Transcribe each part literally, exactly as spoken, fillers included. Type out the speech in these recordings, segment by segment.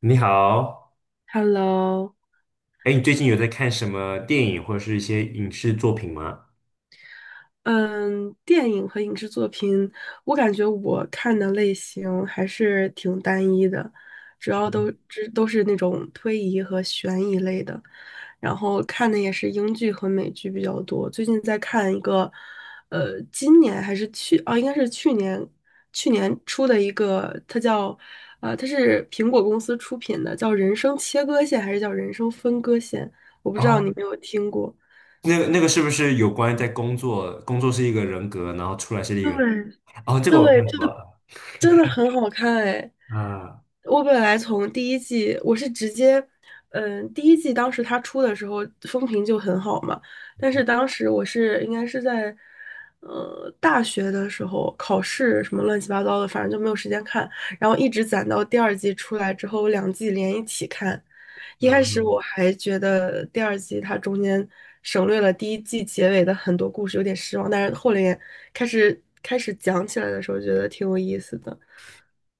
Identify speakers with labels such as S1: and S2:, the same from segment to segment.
S1: 你好。
S2: Hello，
S1: 哎，你最近有在看什么电影或者是一些影视作品吗？
S2: 嗯，电影和影视作品，我感觉我看的类型还是挺单一的，主要都只都是那种推移和悬疑类的，然后看的也是英剧和美剧比较多。最近在看一个，呃，今年还是去啊，应该是去年去年出的一个，它叫呃，它是苹果公司出品的，叫《人生切割线》还是叫《人生分割线》，我不知道
S1: 哦，
S2: 你有没有听过。
S1: 那个那个是不是有关在工作？工作是一个人格，然后出来是一个人。
S2: 对
S1: 哦，这个我
S2: 对，
S1: 看
S2: 这
S1: 过了。
S2: 真的很好看哎！
S1: 啊、
S2: 我本来从第一季，我是直接，嗯，第一季当时它出的时候风评就很好嘛，但是当时我是应该是在，呃，大学的时候考试什么乱七八糟的，反正就没有时间看，然后一直攒到第二季出来之后，我两季连一起看。一开始
S1: 嗯。
S2: 我还觉得第二季它中间省略了第一季结尾的很多故事，有点失望，但是后来开始开始讲起来的时候，觉得挺有意思的。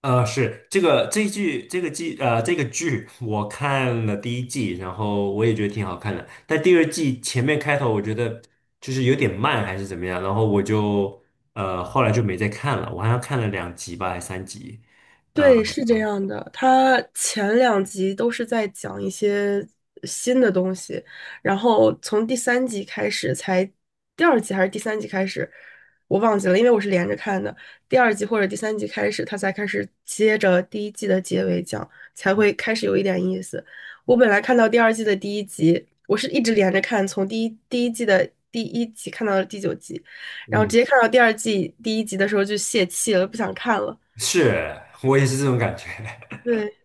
S1: 呃，是这个这一剧这个季呃这个剧我看了第一季，然后我也觉得挺好看的，但第二季前面开头我觉得就是有点慢还是怎么样，然后我就呃后来就没再看了，我好像看了两集吧，还三集。呃
S2: 对，是这样的，它前两集都是在讲一些新的东西，然后从第三集开始才，第二集还是第三集开始，我忘记了，因为我是连着看的，第二集或者第三集开始，它才开始接着第一季的结尾讲，才会开始有一点意思。我本来看到第二季的第一集，我是一直连着看，从第一第一季的第一集看到了第九集，然后
S1: 嗯
S2: 直接看到第二季第一集的时候就泄气了，不想看了。
S1: 是，我也是这种感觉。
S2: 对。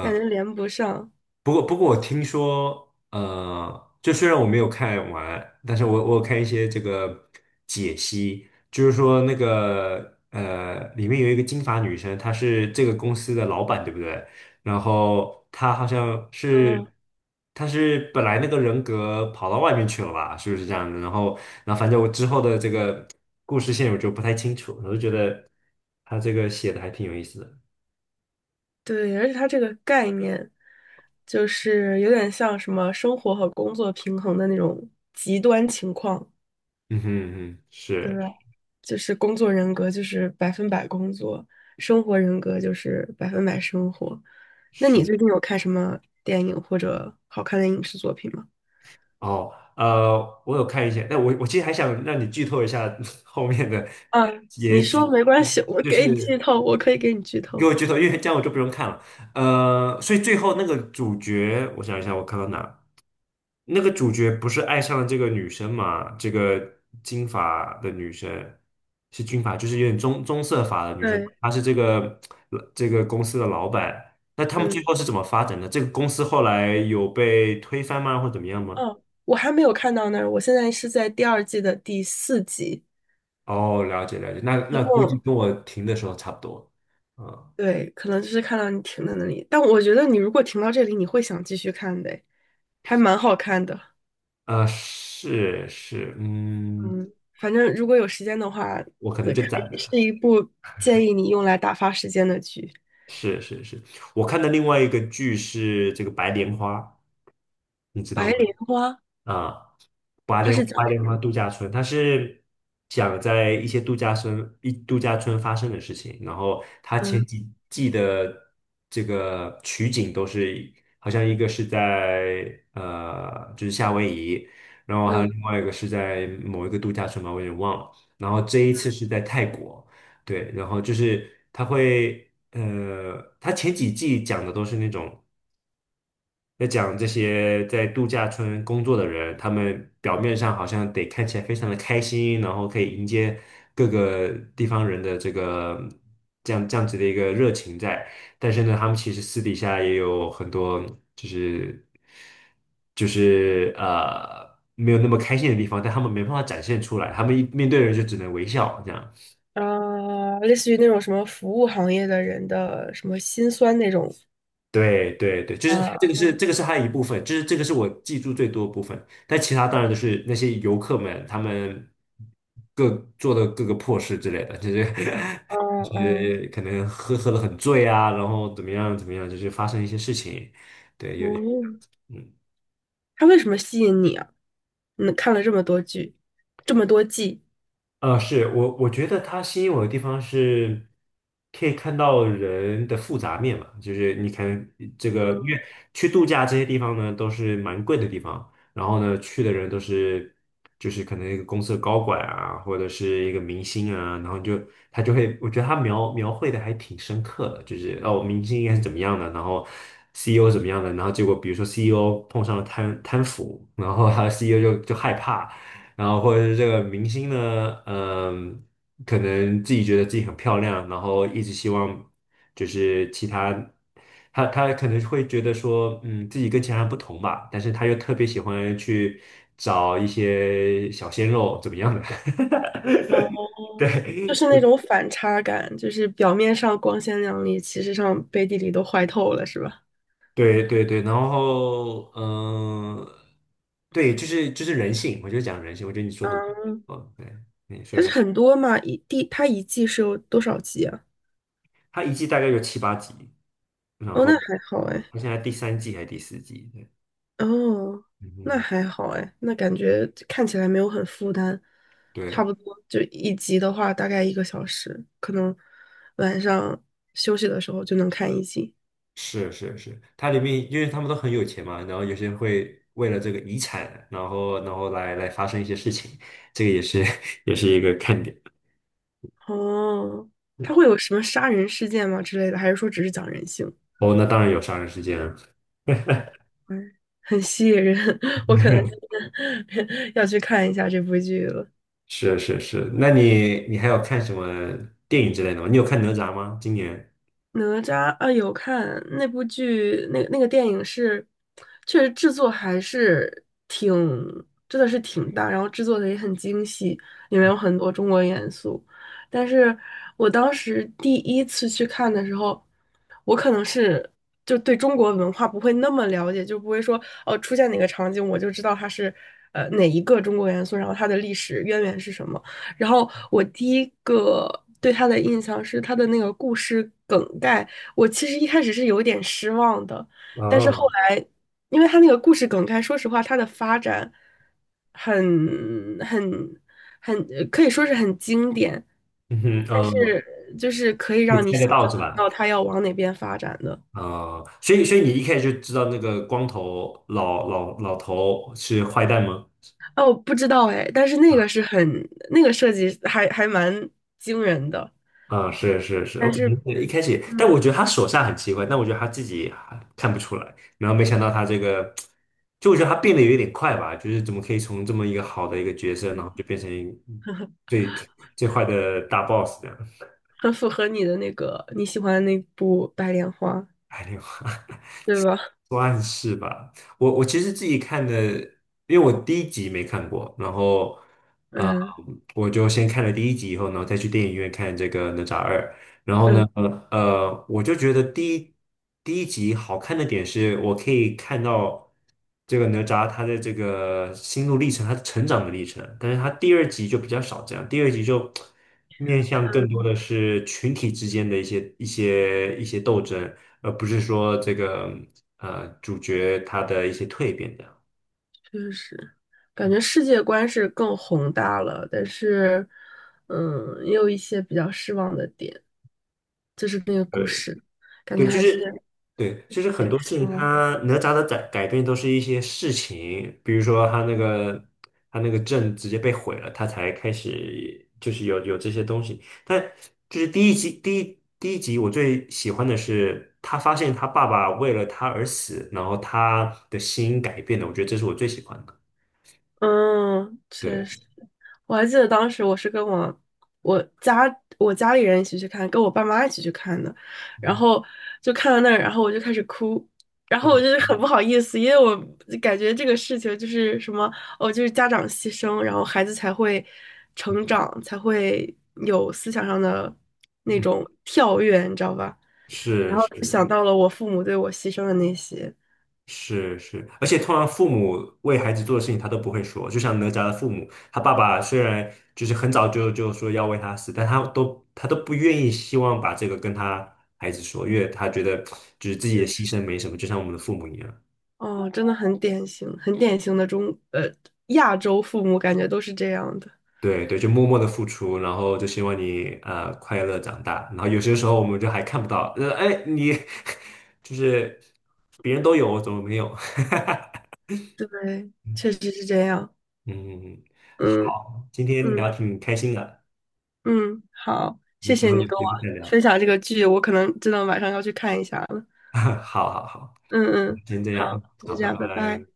S2: 感觉连不上。
S1: 不过，不过我听说，呃，就虽然我没有看完，但是我我有看一些这个解析，就是说那个呃，里面有一个金发女生，她是这个公司的老板，对不对？然后她好像是，
S2: 嗯，
S1: 她是本来那个人格跑到外面去了吧？是不是这样的？然后，然后反正我之后的这个故事线我就不太清楚，我就觉得她这个写的还挺有意思的。
S2: 对，而且它这个概念，就是有点像什么生活和工作平衡的那种极端情况，
S1: 嗯哼嗯哼，
S2: 对
S1: 是
S2: 吧？就是工作人格就是百分百工作，生活人格就是百分百生活。那你
S1: 是。
S2: 最近有看什么电影或者好看的影视作品吗？
S1: 哦，呃，我有看一些，但我我其实还想让你剧透一下 后面的
S2: 啊，你
S1: 结
S2: 说
S1: 局，
S2: 没
S1: 就
S2: 关
S1: 是
S2: 系，我
S1: 就
S2: 给你剧
S1: 是
S2: 透，我可以给你剧
S1: 你给
S2: 透。
S1: 我剧透，因为这样我就不用看了。呃，所以最后那个主角，我想一下，我看到哪？那个主角不是爱上了这个女生嘛？这个金发的女生是金发，就是有点棕棕色发的女生，
S2: 对，
S1: 她是这个这个公司的老板。那他们最
S2: 嗯，
S1: 后是怎么发展的？这个公司后来有被推翻吗，或怎么样吗？
S2: 哦，我还没有看到那儿，我现在是在第二季的第四集。
S1: 哦，了解了解，那
S2: 一
S1: 那估计
S2: 共，
S1: 跟我停的时候差不多。嗯。
S2: 对，可能就是看到你停在那里。但我觉得你如果停到这里，你会想继续看的还蛮好看的。
S1: 啊，是是，嗯，
S2: 嗯，反正如果有时间的话，
S1: 我可能
S2: 对，
S1: 就
S2: 可
S1: 攒
S2: 以
S1: 着。
S2: 是一部建议你用来打发时间的剧。
S1: 是是是，我看的另外一个剧是这个《白莲花》，你知
S2: 《白
S1: 道吗？
S2: 莲花》
S1: 啊。白
S2: 它
S1: 莲
S2: 是
S1: 白
S2: 讲什
S1: 莲花
S2: 么的？
S1: 度假村，它是讲在一些度假村一度假村发生的事情，然后它前
S2: 嗯
S1: 几季的这个取景都是好像一个是在呃就是夏威夷，然后还有
S2: 嗯，
S1: 另外一个是在某一个度假村吧，我有点忘了，然后这一次是在泰国。对，然后就是它会呃，它前几季讲的都是那种。在讲这些在度假村工作的人，他们表面上好像得看起来非常的开心，然后可以迎接各个地方人的这个这样这样子的一个热情在，但是呢，他们其实私底下也有很多就是就是呃没有那么开心的地方，但他们没办法展现出来，他们一面对人就只能微笑这样。
S2: 呃，类似于那种什么服务行业的人的什么辛酸那种。
S1: 对对对，就是
S2: 啊
S1: 这个 是这个是它的一部分，就是这个是我记住最多的部分。但其他当然都是那些游客们他们各做的各个破事之类的，就是
S2: 啊
S1: 就
S2: 嗯
S1: 是可能喝喝的很醉啊，然后怎么样怎么样，就是发生一些事情。对，有。
S2: 嗯，
S1: 嗯。
S2: 它为什么吸引你啊？你看了这么多剧，这么多季。
S1: 呃，是我我觉得它吸引我的地方是，可以看到人的复杂面嘛，就是你看这个，因
S2: 嗯
S1: 为去度假这些地方呢都是蛮贵的地方，然后呢去的人都是就是可能一个公司的高管啊，或者是一个明星啊，然后你就他就会，我觉得他描描绘的还挺深刻的，就是哦，明星应该是怎么样的，然后 C E O 怎么样的，然后结果比如说 C E O 碰上了贪贪腐，然后他 C E O 就就害怕。然后或者是这个明星呢，嗯，可能自己觉得自己很漂亮，然后一直希望就是其他，他他可能会觉得说，嗯，自己跟其他人不同吧，但是他又特别喜欢去找一些小鲜肉怎么样的。
S2: 哦。就是那
S1: 对
S2: 种反差感，就是表面上光鲜亮丽，其实上背地里都坏透了，是吧？
S1: 对对对，然后嗯、呃对，就是就是人性，我就讲人性，我觉得你说的，
S2: 嗯，
S1: 嗯，对。
S2: 它是很多嘛，一第它一季是有多少集啊？
S1: 他一季大概有七八集，然
S2: 哦，
S1: 后
S2: 那还好哎，
S1: 好像还第三季还是第四季，对。
S2: 哦，
S1: 嗯
S2: 那
S1: 哼。
S2: 还好哎，那感觉看起来没有很负担，差
S1: 对，
S2: 不多就一集的话大概一个小时，可能晚上休息的时候就能看一集。
S1: 是是是，它里面因为他们都很有钱嘛，然后有些人会为了这个遗产，然后然后来来发生一些事情，这个也是 也是一个看点。
S2: 哦，它会有什么杀人事件吗之类的，还是说只是讲人性？
S1: 哦，那当然有杀人事件了。
S2: 嗯很吸引人，我可能今 天 要去看一下这部剧了。
S1: 是是是，那你你还有看什么电影之类的吗？你有看哪吒吗？今年？
S2: 哪吒啊，有看那部剧，那那个电影是，确实制作还是挺，真的是挺大，然后制作的也很精细，里面有很多中国元素。但是我当时第一次去看的时候，我可能是就对中国文化不会那么了解，就不会说哦，出现哪个场景我就知道它是呃哪一个中国元素，然后它的历史渊源是什么。然后我第一个对他的印象是他的那个故事梗概，我其实一开始是有点失望的，但是后
S1: 哦，
S2: 来，因为他那个故事梗概，说实话，他的发展很很很可以说是很经典，
S1: 嗯哼，
S2: 但
S1: 嗯，
S2: 是就是可以
S1: 可以
S2: 让你
S1: 猜得
S2: 想
S1: 到
S2: 象
S1: 是
S2: 得
S1: 吧？
S2: 到他要往哪边发展的。
S1: 哦，所以所以你一开始就知道那个光头老老老头是坏蛋吗？
S2: 哦，不知道哎，但是那个是很那个设计还还蛮惊人的，
S1: 啊、是是是，我
S2: 但
S1: 可
S2: 是
S1: 能是一开始，但我
S2: 嗯。
S1: 觉得他手下很奇怪，但我觉得他自己还看不出来，然后没想到他这个，就我觉得他变得有点快吧，就是怎么可以从这么一个好的一个角色，然后就变成 最最坏的大 boss 这样。
S2: 很符合你的那个你喜欢的那部《白莲花》，
S1: 哎呦。
S2: 对吧？
S1: 算是吧。我我其实自己看的，因为我第一集没看过，然后啊呃
S2: 嗯
S1: 我就先看了第一集以后，然后再去电影院看这个《哪吒二》。然后呢，
S2: 嗯
S1: 呃，我就觉得第一第一集好看的点是，我可以看到这个哪吒他的这个心路历程，他成长的历程。但是他第二集就比较少这样，第二集就面向更多
S2: 嗯，
S1: 的是群体之间的一些一些一些斗争。而不是说这个呃主角他的一些蜕变这样。
S2: 确实，感觉世界观是更宏大了，但是，嗯，也有一些比较失望的点，就是那个故
S1: 对
S2: 事，感觉
S1: 对，就
S2: 还是有
S1: 是对，就是很
S2: 点
S1: 多事
S2: 失
S1: 情
S2: 望。
S1: 他哪吒的改改变都是一些事情，比如说他那个他那个阵直接被毁了，他才开始就是有有这些东西。但就是第一集第一第一集我最喜欢的是他发现他爸爸为了他而死，然后他的心改变了，我觉得这是我最喜欢的。
S2: 嗯，确
S1: 对，
S2: 实。我还记得当时我是跟我我家我家里人一起去看，跟我爸妈一起去看的，然
S1: 嗯
S2: 后就看到那儿，然后我就开始哭，然后我就 是
S1: 嗯，
S2: 很不好意思，因为我感觉这个事情就是什么哦，就是家长牺牲，然后孩子才会成长，才会有思想上的那
S1: 嗯。
S2: 种跳跃，你知道吧？然
S1: 是
S2: 后就
S1: 是。
S2: 想到了我父母对我牺牲的那些。
S1: 是是，而且通常父母为孩子做的事情他都不会说，就像哪吒的父母，他爸爸虽然就是很早就就说要为他死，但他都他都不愿意希望把这个跟他孩子说，因为他觉得就是自己的
S2: 嗯，
S1: 牺牲没什么，就像我们的父母一样。
S2: 哦，真的很典型，很典型的中，呃，亚洲父母感觉都是这样的。
S1: 对对，就默默的付出，然后就希望你呃快乐长大，然后有些时候我们就还看不到，呃哎你 就是别人都有，我怎么没有？
S2: 对，
S1: 嗯。
S2: 确实是这样。
S1: 嗯嗯。
S2: 嗯
S1: 好，今天
S2: 嗯
S1: 聊挺开心的，
S2: 嗯，好，
S1: 我
S2: 谢
S1: 们最
S2: 谢
S1: 后
S2: 你
S1: 有
S2: 跟我
S1: 机会再聊。
S2: 分享这个剧，我可能真的晚上要去看一下了。
S1: 好好好，
S2: 嗯嗯，
S1: 先这样，
S2: 好，就
S1: 好，
S2: 这
S1: 拜
S2: 样，拜
S1: 拜。
S2: 拜。